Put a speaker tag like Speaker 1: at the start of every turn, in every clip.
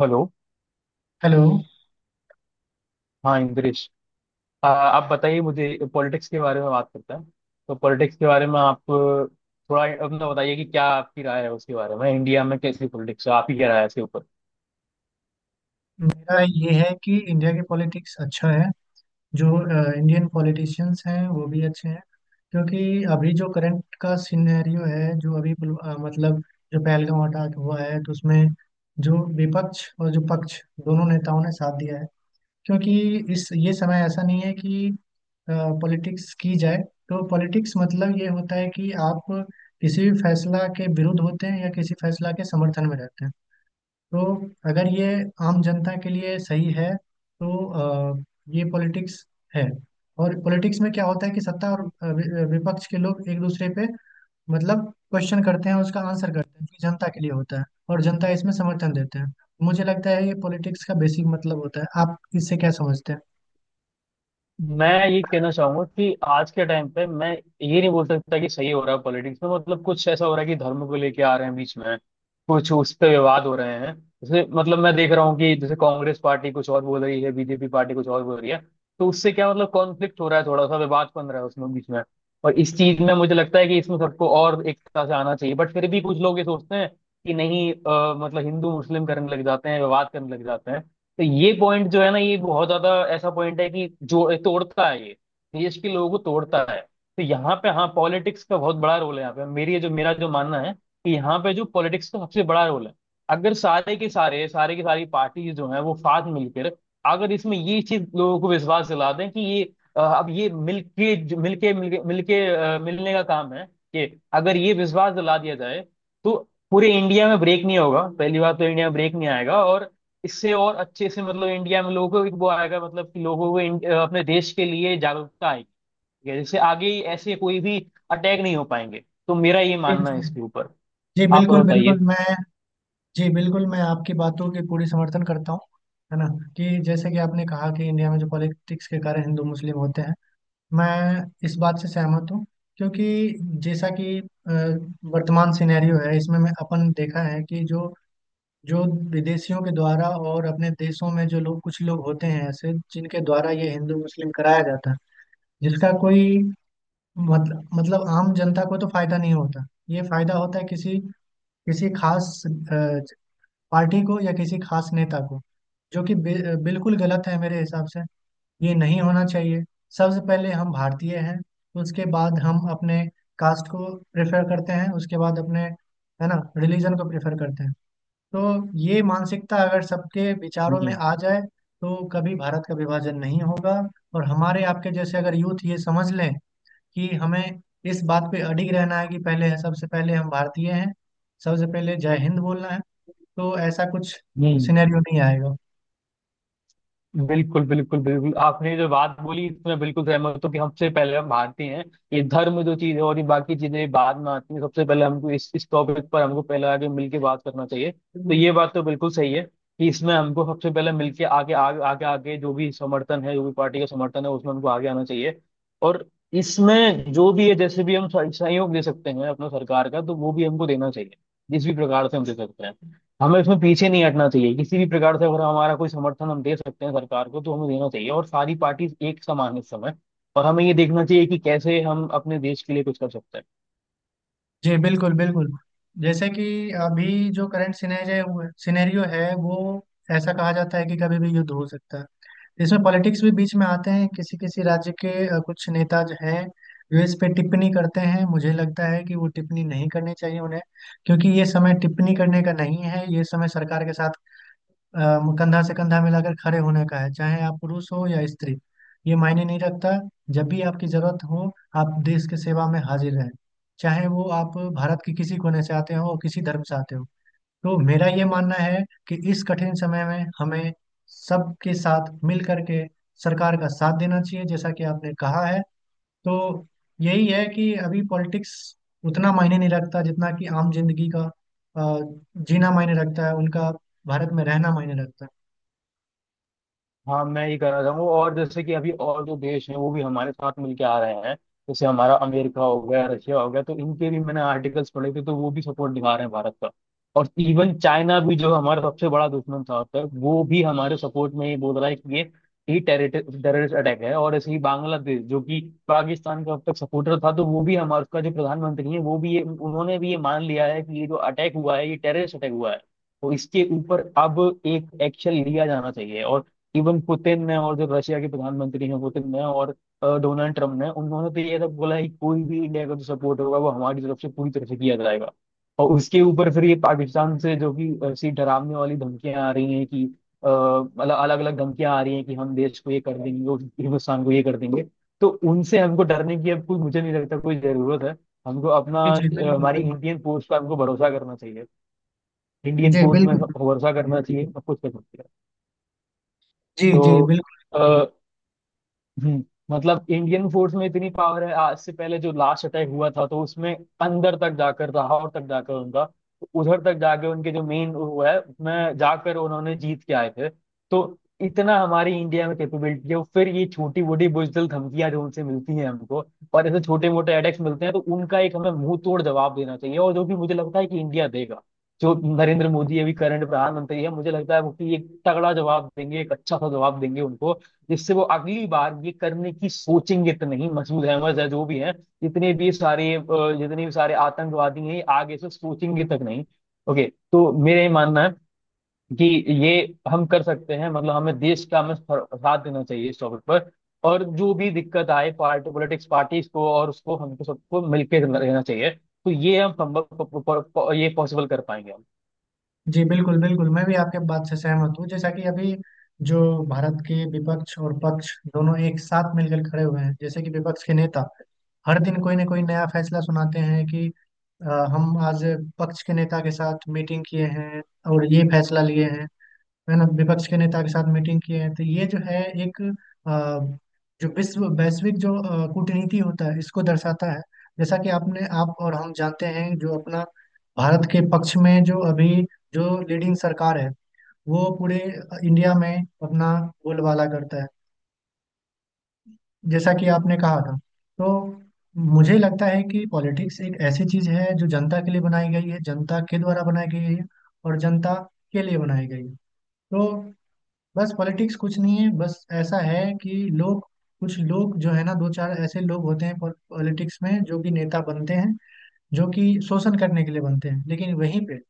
Speaker 1: Hello.
Speaker 2: Hello.
Speaker 1: हाँ इंद्रेश। आप बताइए मुझे पॉलिटिक्स के बारे में बात करते हैं। तो पॉलिटिक्स के बारे में आप थोड़ा अपना बताइए कि क्या आपकी राय है उसके बारे में। इंडिया में कैसी पॉलिटिक्स है आप ही क्या राय है इसके ऊपर।
Speaker 2: मेरा ये है कि इंडिया की पॉलिटिक्स अच्छा है। जो इंडियन पॉलिटिशियंस हैं वो भी अच्छे हैं, क्योंकि अभी जो करंट का सिनेरियो है, जो अभी मतलब जो पहलगाम अटैक हुआ है, तो उसमें जो विपक्ष और जो पक्ष, दोनों नेताओं ने साथ दिया है। क्योंकि इस ये समय ऐसा नहीं है कि पॉलिटिक्स की जाए। तो पॉलिटिक्स मतलब ये होता है कि आप किसी भी फैसला के विरुद्ध होते हैं या किसी फैसला के समर्थन में रहते हैं। तो अगर ये आम जनता के लिए सही है, तो अ, ये पॉलिटिक्स है। और पॉलिटिक्स में क्या होता है कि सत्ता और विपक्ष के लोग एक दूसरे पे मतलब क्वेश्चन करते हैं, उसका आंसर करते हैं, कि जनता के लिए होता है और जनता इसमें समर्थन देते हैं। मुझे लगता है ये पॉलिटिक्स का बेसिक मतलब होता है। आप इससे क्या समझते हैं?
Speaker 1: मैं ये कहना चाहूंगा कि आज के टाइम पे मैं ये नहीं बोल सकता कि सही हो रहा है पॉलिटिक्स में। मतलब कुछ ऐसा हो रहा है कि धर्म को लेके आ रहे हैं बीच में। कुछ उस पे विवाद हो रहे हैं। जैसे मतलब मैं देख रहा हूँ कि जैसे कांग्रेस पार्टी कुछ और बोल रही है बीजेपी पार्टी कुछ और बोल रही है। तो उससे क्या मतलब कॉन्फ्लिक्ट हो रहा है थोड़ा सा विवाद बन रहा है उसमें बीच में। और इस चीज में मुझे लगता है कि इसमें सबको और एकता से आना चाहिए बट फिर भी कुछ लोग ये सोचते हैं कि नहीं मतलब हिंदू मुस्लिम करने लग जाते हैं विवाद करने लग जाते हैं। तो ये पॉइंट जो है ना ये बहुत ज्यादा ऐसा पॉइंट है कि जो तोड़ता है ये देश के लोगों को तोड़ता है। तो यहाँ पे हाँ पॉलिटिक्स का बहुत बड़ा रोल है यहाँ पे मेरी जो मेरा जो मानना है कि यहाँ पे जो पॉलिटिक्स का सबसे बड़ा रोल है। अगर सारे के सारे सारे की सारी पार्टी जो है वो साथ मिलकर अगर इसमें ये चीज लोगों को विश्वास दिला दें कि ये अब ये मिलके जो- मिलके मिलके मिलके अ, मिलने का काम है कि अगर ये विश्वास दिला दिया जाए। तो पूरे इंडिया में ब्रेक नहीं होगा पहली बात तो इंडिया में ब्रेक नहीं आएगा। और इससे और अच्छे से मतलब इंडिया में लोगों को वो आएगा मतलब कि लोगों को अपने देश के लिए जागरूकता आएगी। ठीक है, जिससे आगे ऐसे कोई भी अटैक नहीं हो पाएंगे। तो मेरा ये
Speaker 2: जी
Speaker 1: मानना है
Speaker 2: जी।
Speaker 1: इसके ऊपर।
Speaker 2: जी,
Speaker 1: आप
Speaker 2: बिल्कुल
Speaker 1: और
Speaker 2: बिल्कुल।
Speaker 1: बताइए।
Speaker 2: मैं जी बिल्कुल, मैं आपकी बातों की पूरी समर्थन करता हूँ, है ना। कि जैसे कि आपने कहा कि इंडिया में जो पॉलिटिक्स के कारण हिंदू मुस्लिम होते हैं, मैं इस बात से सहमत हूँ। क्योंकि जैसा कि वर्तमान सिनेरियो है, इसमें मैं अपन देखा है कि जो जो विदेशियों के द्वारा और अपने देशों में जो लोग, कुछ लोग होते हैं ऐसे, जिनके द्वारा ये हिंदू मुस्लिम कराया जाता है। जिसका कोई मतलब आम जनता को तो फायदा नहीं होता, ये फायदा होता है किसी किसी खास पार्टी को या किसी खास नेता को, जो कि बिल्कुल गलत है मेरे हिसाब से। ये नहीं होना चाहिए। सबसे पहले हम भारतीय हैं, उसके बाद हम अपने कास्ट को प्रेफर करते हैं, उसके बाद अपने, है ना, रिलीजन को प्रेफर करते हैं। तो ये मानसिकता अगर सबके विचारों में आ
Speaker 1: हम्म।
Speaker 2: जाए, तो कभी भारत का विभाजन नहीं होगा। और हमारे आपके जैसे अगर यूथ ये समझ लें कि हमें इस बात पे अडिग रहना है कि पहले, सबसे पहले हम भारतीय हैं, सबसे पहले जय हिंद बोलना है, तो ऐसा कुछ
Speaker 1: हम्म।
Speaker 2: सिनेरियो नहीं आएगा।
Speaker 1: बिल्कुल बिल्कुल बिल्कुल आपने जो बात बोली इसमें बिल्कुल सहमत हूँ कि हमसे पहले हम भारतीय हैं। ये धर्म जो चीज है और ये बाकी चीजें बाद में आती है सबसे पहले हमको इस टॉपिक पर हमको पहले आगे मिलके बात करना चाहिए। तो ये बात तो बिल्कुल सही है कि इसमें हमको सबसे पहले मिलके आगे आगे आगे आगे जो भी समर्थन है जो भी पार्टी का समर्थन है उसमें हमको आगे आना चाहिए। और इसमें जो भी है जैसे भी हम सहयोग दे सकते हैं अपना सरकार का तो वो भी हमको देना चाहिए। जिस भी प्रकार से हम दे सकते हैं। हमें इसमें पीछे नहीं हटना चाहिए किसी भी प्रकार से अगर हमारा कोई समर्थन हम दे सकते हैं सरकार को तो हमें देना चाहिए और सारी पार्टीज एक समान इस समय। और हमें ये देखना चाहिए कि कैसे हम अपने देश के लिए कुछ कर सकते हैं।
Speaker 2: जी बिल्कुल बिल्कुल। जैसे कि अभी जो करंट सिनेरियो है, वो ऐसा कहा जाता है कि कभी भी युद्ध हो सकता है। इसमें पॉलिटिक्स भी बीच में आते हैं। किसी किसी राज्य के कुछ नेता जो हैं, जो इस पे टिप्पणी करते हैं, मुझे लगता है कि वो टिप्पणी नहीं करनी चाहिए उन्हें। क्योंकि ये समय टिप्पणी करने का नहीं है, ये समय सरकार के साथ कंधा से कंधा मिलाकर खड़े होने का है। चाहे आप पुरुष हो या स्त्री, ये मायने नहीं रखता। जब भी आपकी जरूरत हो, आप देश के सेवा में हाजिर रहें, चाहे वो आप भारत के किसी कोने से आते हो और किसी धर्म से आते हो। तो मेरा ये मानना है कि इस कठिन समय में हमें सबके साथ मिल करके सरकार का साथ देना चाहिए, जैसा कि आपने कहा है। तो यही है कि अभी पॉलिटिक्स उतना मायने नहीं रखता, जितना कि आम जिंदगी का अ, जीना मायने रखता है उनका, भारत में रहना मायने रखता है।
Speaker 1: हाँ मैं ये कह रहा हूँ और जैसे कि अभी और जो देश हैं वो भी हमारे साथ मिलके आ रहे हैं। जैसे हमारा अमेरिका हो गया रशिया हो गया तो इनके भी मैंने आर्टिकल्स पढ़े थे तो वो भी सपोर्ट दिखा रहे हैं भारत का। और इवन चाइना भी जो हमारा सबसे बड़ा दुश्मन था अब तक वो भी हमारे सपोर्ट में ये बोल रहा है कि ये ही टेररिस्ट अटैक है। और ऐसे ही बांग्लादेश जो कि पाकिस्तान का अब तक सपोर्टर था तो वो भी हमारा उसका जो प्रधानमंत्री है वो भी ये उन्होंने भी ये मान लिया है कि ये जो अटैक हुआ है ये टेररिस्ट अटैक हुआ है। तो इसके ऊपर अब एक एक्शन लिया जाना चाहिए। और इवन पुतिन ने और जो रशिया के प्रधानमंत्री हैं पुतिन ने और डोनाल्ड ट्रम्प ने उन्होंने तो ये तक बोला है कि कोई भी इंडिया का जो सपोर्ट होगा वो हमारी तरफ से पूरी तरह से किया जाएगा। और उसके ऊपर फिर ये पाकिस्तान से जो कि ऐसी डरावने वाली धमकियां आ रही हैं कि मतलब अलग अलग धमकियां आ रही हैं कि हम देश को ये कर देंगे और हिंदुस्तान को ये कर देंगे। तो उनसे हमको डरने की अब कोई मुझे नहीं लगता कोई जरूरत है। हमको
Speaker 2: जी जी बिल्कुल
Speaker 1: हमारी
Speaker 2: बिल्कुल।
Speaker 1: इंडियन फोर्स पर हमको भरोसा करना चाहिए। इंडियन
Speaker 2: जी
Speaker 1: फोर्स में
Speaker 2: बिल्कुल।
Speaker 1: भरोसा करना चाहिए सब कुछ कर सकते हैं।
Speaker 2: जी जी बिल्कुल।
Speaker 1: तो हम्म, मतलब इंडियन फोर्स में इतनी पावर है। आज से पहले जो लास्ट अटैक हुआ था तो उसमें अंदर तक जाकर लाहौर तक जाकर उनका उधर तक जाके उनके जो मेन वो है उसमें जाकर उन्होंने जीत के आए थे। तो इतना हमारी इंडिया में कैपेबिलिटी है और फिर ये छोटी मोटी बुजदिल धमकियां जो उनसे मिलती हैं हमको और ऐसे छोटे मोटे अटैक्स मिलते हैं तो उनका एक हमें मुंह तोड़ जवाब देना चाहिए और जो कि मुझे लगता है कि इंडिया देगा। जो नरेंद्र मोदी अभी करंट प्रधानमंत्री है मुझे लगता है वो कि एक तगड़ा जवाब देंगे एक अच्छा सा जवाब देंगे उनको। जिससे वो अगली बार ये करने की सोचेंगे तो नहीं। मसूद अहमद या जो भी हैं जितने भी सारे अ, जितने भी सारे आतंकवादी हैं ये आगे से सोचेंगे तक नहीं। ओके। तो मेरा ये मानना है कि ये हम कर सकते हैं। मतलब हमें देश का हमें साथ देना चाहिए इस टॉपिक पर। और जो भी दिक्कत आए पार्टी पॉलिटिक्स पार्टीज को और उसको हमको सबको मिलकर रहना चाहिए। तो ये हम संभव ये पॉसिबल कर पाएंगे हम।
Speaker 2: जी बिल्कुल बिल्कुल, मैं भी आपके बात से सहमत हूँ। जैसा कि अभी जो भारत के विपक्ष और पक्ष दोनों एक साथ मिलकर खड़े हुए हैं, जैसे कि विपक्ष के नेता हर दिन कोई ना कोई नया फैसला सुनाते हैं कि हम आज पक्ष के नेता के साथ मीटिंग किए हैं और ये फैसला लिए हैं, है ना, विपक्ष के नेता के साथ मीटिंग किए हैं। तो ये जो है एक जो विश्व वैश्विक जो कूटनीति होता है, इसको दर्शाता है। जैसा कि आपने, आप और हम जानते हैं, जो अपना भारत के पक्ष में जो अभी जो लीडिंग सरकार है, वो पूरे इंडिया में अपना बोलबाला करता है, जैसा कि आपने कहा था। तो मुझे लगता है कि पॉलिटिक्स एक ऐसी चीज है जो जनता के लिए बनाई गई है, जनता के द्वारा बनाई गई है और जनता के लिए बनाई गई है। तो बस पॉलिटिक्स कुछ नहीं है, बस ऐसा है कि लोग, कुछ लोग जो है ना, दो चार ऐसे लोग होते हैं पॉलिटिक्स में जो कि नेता बनते हैं, जो कि शोषण करने के लिए बनते हैं। लेकिन वहीं पे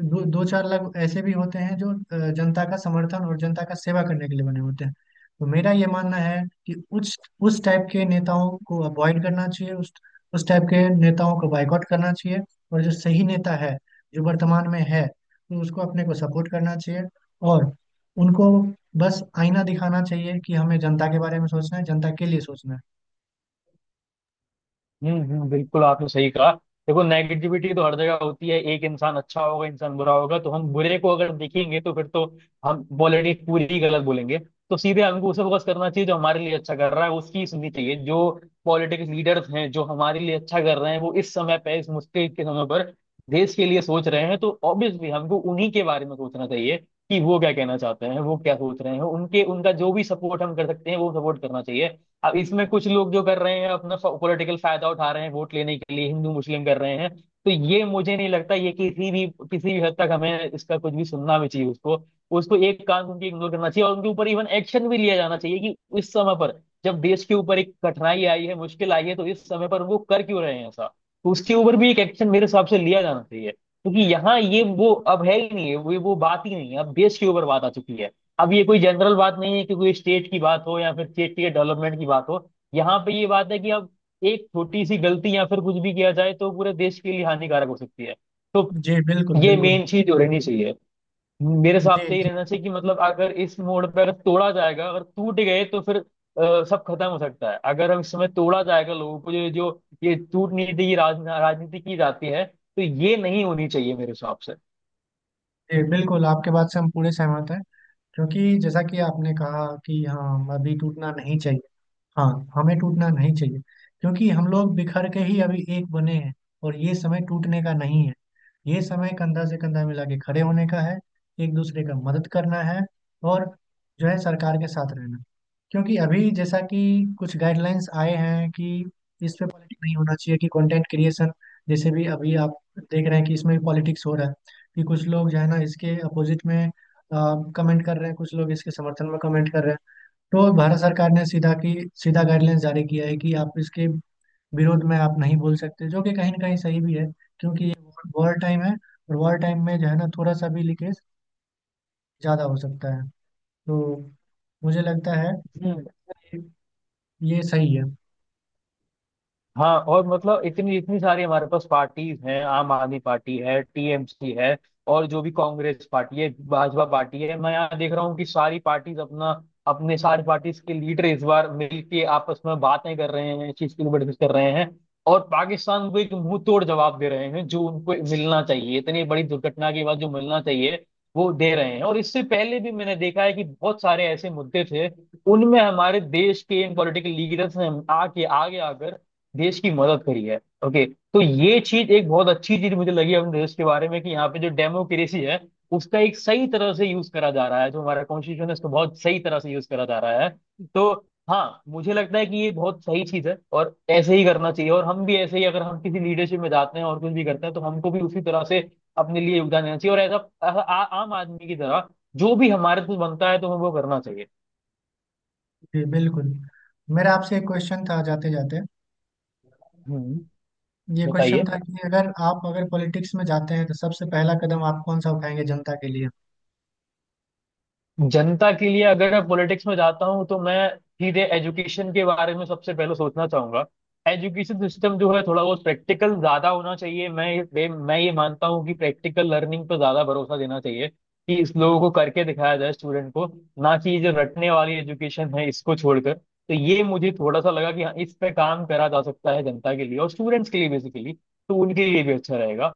Speaker 2: दो दो चार लाख ऐसे भी होते हैं जो जनता का समर्थन और जनता का सेवा करने के लिए बने होते हैं। तो मेरा ये मानना है कि उस उस टाइप के नेताओं को अवॉइड करना चाहिए, उस टाइप के नेताओं को बायकॉट करना चाहिए। और जो सही नेता है, जो वर्तमान में है, तो उसको अपने को सपोर्ट करना चाहिए। और उनको बस आईना दिखाना चाहिए कि हमें जनता के बारे में सोचना है, जनता के लिए सोचना
Speaker 1: हम्म। बिल्कुल आपने सही कहा। देखो नेगेटिविटी तो हर जगह होती है एक इंसान अच्छा होगा इंसान बुरा होगा तो हम बुरे को अगर देखेंगे तो फिर तो हम पॉलिटिक्स पूरी ही गलत बोलेंगे। तो सीधे हमको उसे फोकस करना चाहिए जो हमारे लिए अच्छा कर रहा है उसकी सुननी चाहिए। जो पॉलिटिक्स लीडर्स हैं जो हमारे लिए अच्छा कर रहे हैं वो इस समय पे इस मुश्किल के समय पर देश के लिए सोच रहे हैं तो ऑब्वियसली हमको उन्हीं के बारे में सोचना चाहिए। कि वो क्या कहना चाहते हैं वो क्या सोच रहे हैं उनके उनका जो भी सपोर्ट हम कर सकते हैं वो सपोर्ट करना चाहिए। अब इसमें कुछ लोग जो कर रहे हैं अपना पॉलिटिकल फायदा उठा रहे हैं वोट लेने के लिए हिंदू मुस्लिम कर रहे हैं। तो ये मुझे नहीं लगता ये किसी भी हद तक हमें इसका कुछ भी सुनना भी चाहिए उसको। उसको एक कान उनकी इग्नोर करना चाहिए और उनके ऊपर इवन एक्शन भी लिया जाना चाहिए कि इस समय पर जब देश के ऊपर एक कठिनाई आई है मुश्किल आई है तो इस समय पर वो कर क्यों रहे हैं ऐसा। तो उसके ऊपर भी एक एक्शन मेरे हिसाब से लिया जाना चाहिए क्योंकि यहाँ ये वो अब है ही नहीं है वो बात ही नहीं है अब देश के ऊपर बात आ चुकी है। अब ये कोई जनरल बात नहीं है कि कोई स्टेट की बात हो या फिर स्टेट के डेवलपमेंट की बात हो। यहाँ पे ये बात है कि अब एक छोटी सी गलती या फिर कुछ भी किया जाए तो पूरे देश के लिए हानिकारक हो सकती है। तो
Speaker 2: है। जी बिल्कुल
Speaker 1: ये
Speaker 2: बिल्कुल।
Speaker 1: मेन चीज हो रहनी चाहिए। मेरे हिसाब
Speaker 2: जी
Speaker 1: से ये
Speaker 2: जी।
Speaker 1: रहना चाहिए कि मतलब अगर इस मोड़ पर तोड़ा जाएगा अगर टूट गए तो फिर सब खत्म हो सकता है। अगर हम इसमें तोड़ा जाएगा लोगों को जो जो ये टूट नीति की राजनीति की जाती है तो ये नहीं होनी चाहिए मेरे हिसाब
Speaker 2: जी बिल्कुल, आपके बात से हम पूरे सहमत हैं। क्योंकि जैसा कि आपने कहा कि हाँ, अभी टूटना नहीं चाहिए। हाँ, हमें टूटना नहीं चाहिए, क्योंकि हम लोग बिखर के ही अभी एक बने हैं। और ये समय टूटने का नहीं है, ये समय कंधा से कंधा मिला के खड़े होने का है, एक दूसरे का मदद करना है। और जो है, सरकार के साथ रहना। क्योंकि अभी जैसा कि कुछ गाइडलाइंस आए हैं कि इस पे पॉलिटिक्स नहीं होना चाहिए, कि कंटेंट क्रिएशन, जैसे भी अभी आप देख रहे हैं कि इसमें भी पॉलिटिक्स हो रहा है, कि कुछ लोग जो है ना इसके अपोजिट में कमेंट कर रहे हैं, कुछ लोग इसके समर्थन में कमेंट कर रहे हैं। तो भारत सरकार ने सीधा गाइडलाइंस जारी किया है कि आप इसके विरोध में आप नहीं बोल सकते, जो कि कहीं ना कहीं सही भी है। क्योंकि ये वॉर टाइम है, और वॉर टाइम में जो है ना, थोड़ा सा भी लीकेज ज़्यादा हो सकता है। तो मुझे लगता है
Speaker 1: से।
Speaker 2: कि ये सही है।
Speaker 1: हाँ और मतलब इतनी इतनी सारी हमारे पास पार्टीज हैं। आम आदमी पार्टी है टीएमसी है और जो भी कांग्रेस पार्टी है भाजपा पार्टी है। मैं यहाँ देख रहा हूँ कि सारी पार्टीज अपना अपने सारी पार्टीज के लीडर इस बार मिलके आपस में बातें कर रहे हैं चीज के लिए डिस्कस कर रहे हैं। और पाकिस्तान को एक मुंह तोड़ जवाब दे रहे हैं जो उनको मिलना चाहिए इतनी बड़ी दुर्घटना के बाद जो मिलना चाहिए वो दे रहे हैं। और इससे पहले भी मैंने देखा है कि बहुत सारे ऐसे मुद्दे थे उनमें हमारे देश के इन पॉलिटिकल लीडर्स ने आके आगे आकर देश की मदद करी है। ओके। तो ये चीज एक बहुत अच्छी चीज मुझे लगी अपने देश के बारे में कि यहाँ पे जो डेमोक्रेसी है उसका एक सही तरह से यूज करा जा रहा है जो हमारा कॉन्स्टिट्यूशन है उसको बहुत सही तरह से यूज करा जा रहा है। तो हाँ मुझे लगता है कि ये बहुत सही चीज है और ऐसे ही करना चाहिए और हम भी ऐसे ही अगर हम किसी लीडरशिप में जाते हैं और कुछ भी करते हैं तो हमको भी उसी तरह से अपने लिए योगदान देना चाहिए। और ऐसा ऐसा आम आदमी की तरह जो भी हमारे से बनता है तो हमें वो करना चाहिए।
Speaker 2: जी बिल्कुल। मेरा आपसे एक क्वेश्चन था, जाते जाते।
Speaker 1: हम्म।
Speaker 2: ये क्वेश्चन
Speaker 1: बताइए।
Speaker 2: था कि अगर पॉलिटिक्स में जाते हैं, तो सबसे पहला कदम आप कौन सा उठाएंगे जनता के लिए?
Speaker 1: जनता के लिए अगर मैं पॉलिटिक्स में जाता हूँ तो मैं सीधे एजुकेशन के बारे में सबसे पहले सोचना चाहूंगा। एजुकेशन सिस्टम जो है थोड़ा बहुत प्रैक्टिकल ज्यादा होना चाहिए। मैं ये मानता हूँ कि प्रैक्टिकल लर्निंग पर ज्यादा भरोसा देना चाहिए। कि इस लोगों को करके दिखाया जाए स्टूडेंट को। ना कि ये जो रटने वाली एजुकेशन है इसको छोड़कर तो ये मुझे थोड़ा सा लगा कि हाँ इस पे काम करा जा सकता है जनता के लिए और स्टूडेंट्स के लिए बेसिकली। तो उनके लिए भी अच्छा रहेगा।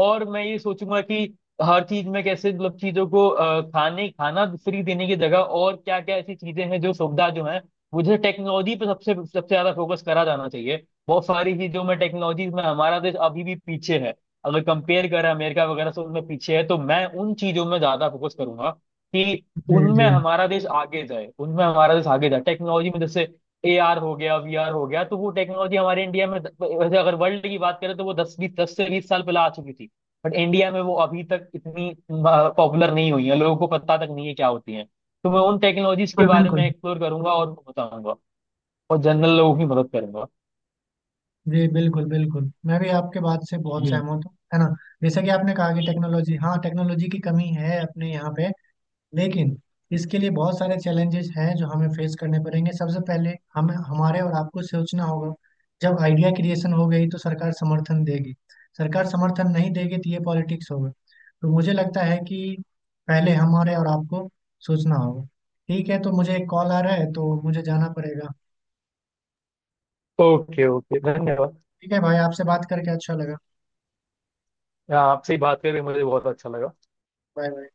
Speaker 1: और मैं ये सोचूंगा कि हर चीज में कैसे मतलब चीजों को अ, खाने खाना फ्री देने की जगह और क्या क्या ऐसी चीजें हैं जो सुविधा जो है। मुझे टेक्नोलॉजी पर सबसे सबसे ज्यादा फोकस करा जाना चाहिए। बहुत सारी चीजों में टेक्नोलॉजी में हमारा देश अभी भी पीछे है। अगर कंपेयर करें अमेरिका वगैरह से उनमें पीछे है तो मैं उन चीजों में ज्यादा फोकस करूंगा कि
Speaker 2: जी
Speaker 1: उनमें
Speaker 2: जी
Speaker 1: हमारा देश आगे जाए उनमें हमारा देश आगे जाए टेक्नोलॉजी में। जैसे AR हो गया VR हो गया तो वो टेक्नोलॉजी हमारे इंडिया में वैसे अगर वर्ल्ड की बात करें तो वो 10 से 20 साल पहले आ चुकी थी। बट इंडिया में वो अभी तक इतनी पॉपुलर नहीं हुई है लोगों को पता तक नहीं है क्या होती है। तो मैं उन टेक्नोलॉजीज के
Speaker 2: बिल्कुल
Speaker 1: बारे
Speaker 2: बिल्कुल।
Speaker 1: में एक्सप्लोर करूंगा और बताऊंगा और जनरल लोगों की मदद करूंगा।
Speaker 2: जी बिल्कुल बिल्कुल, मैं भी आपके बात से बहुत सहमत हूँ, है ना। जैसा कि आपने कहा कि टेक्नोलॉजी, हाँ टेक्नोलॉजी की कमी है अपने यहाँ पे। लेकिन इसके लिए बहुत सारे चैलेंजेस हैं जो हमें फेस करने पड़ेंगे। सबसे पहले हम, हमारे और आपको सोचना होगा। जब आइडिया क्रिएशन हो गई, तो सरकार समर्थन देगी। सरकार समर्थन नहीं देगी, तो ये पॉलिटिक्स होगा। तो मुझे लगता है कि पहले हमारे और आपको सोचना होगा। ठीक है, तो मुझे एक कॉल आ रहा है, तो मुझे जाना पड़ेगा।
Speaker 1: ओके। ओके। धन्यवाद।
Speaker 2: ठीक है भाई, आपसे बात करके अच्छा लगा।
Speaker 1: हाँ, आपसे बात करके मुझे बहुत अच्छा लगा।
Speaker 2: Bye bye.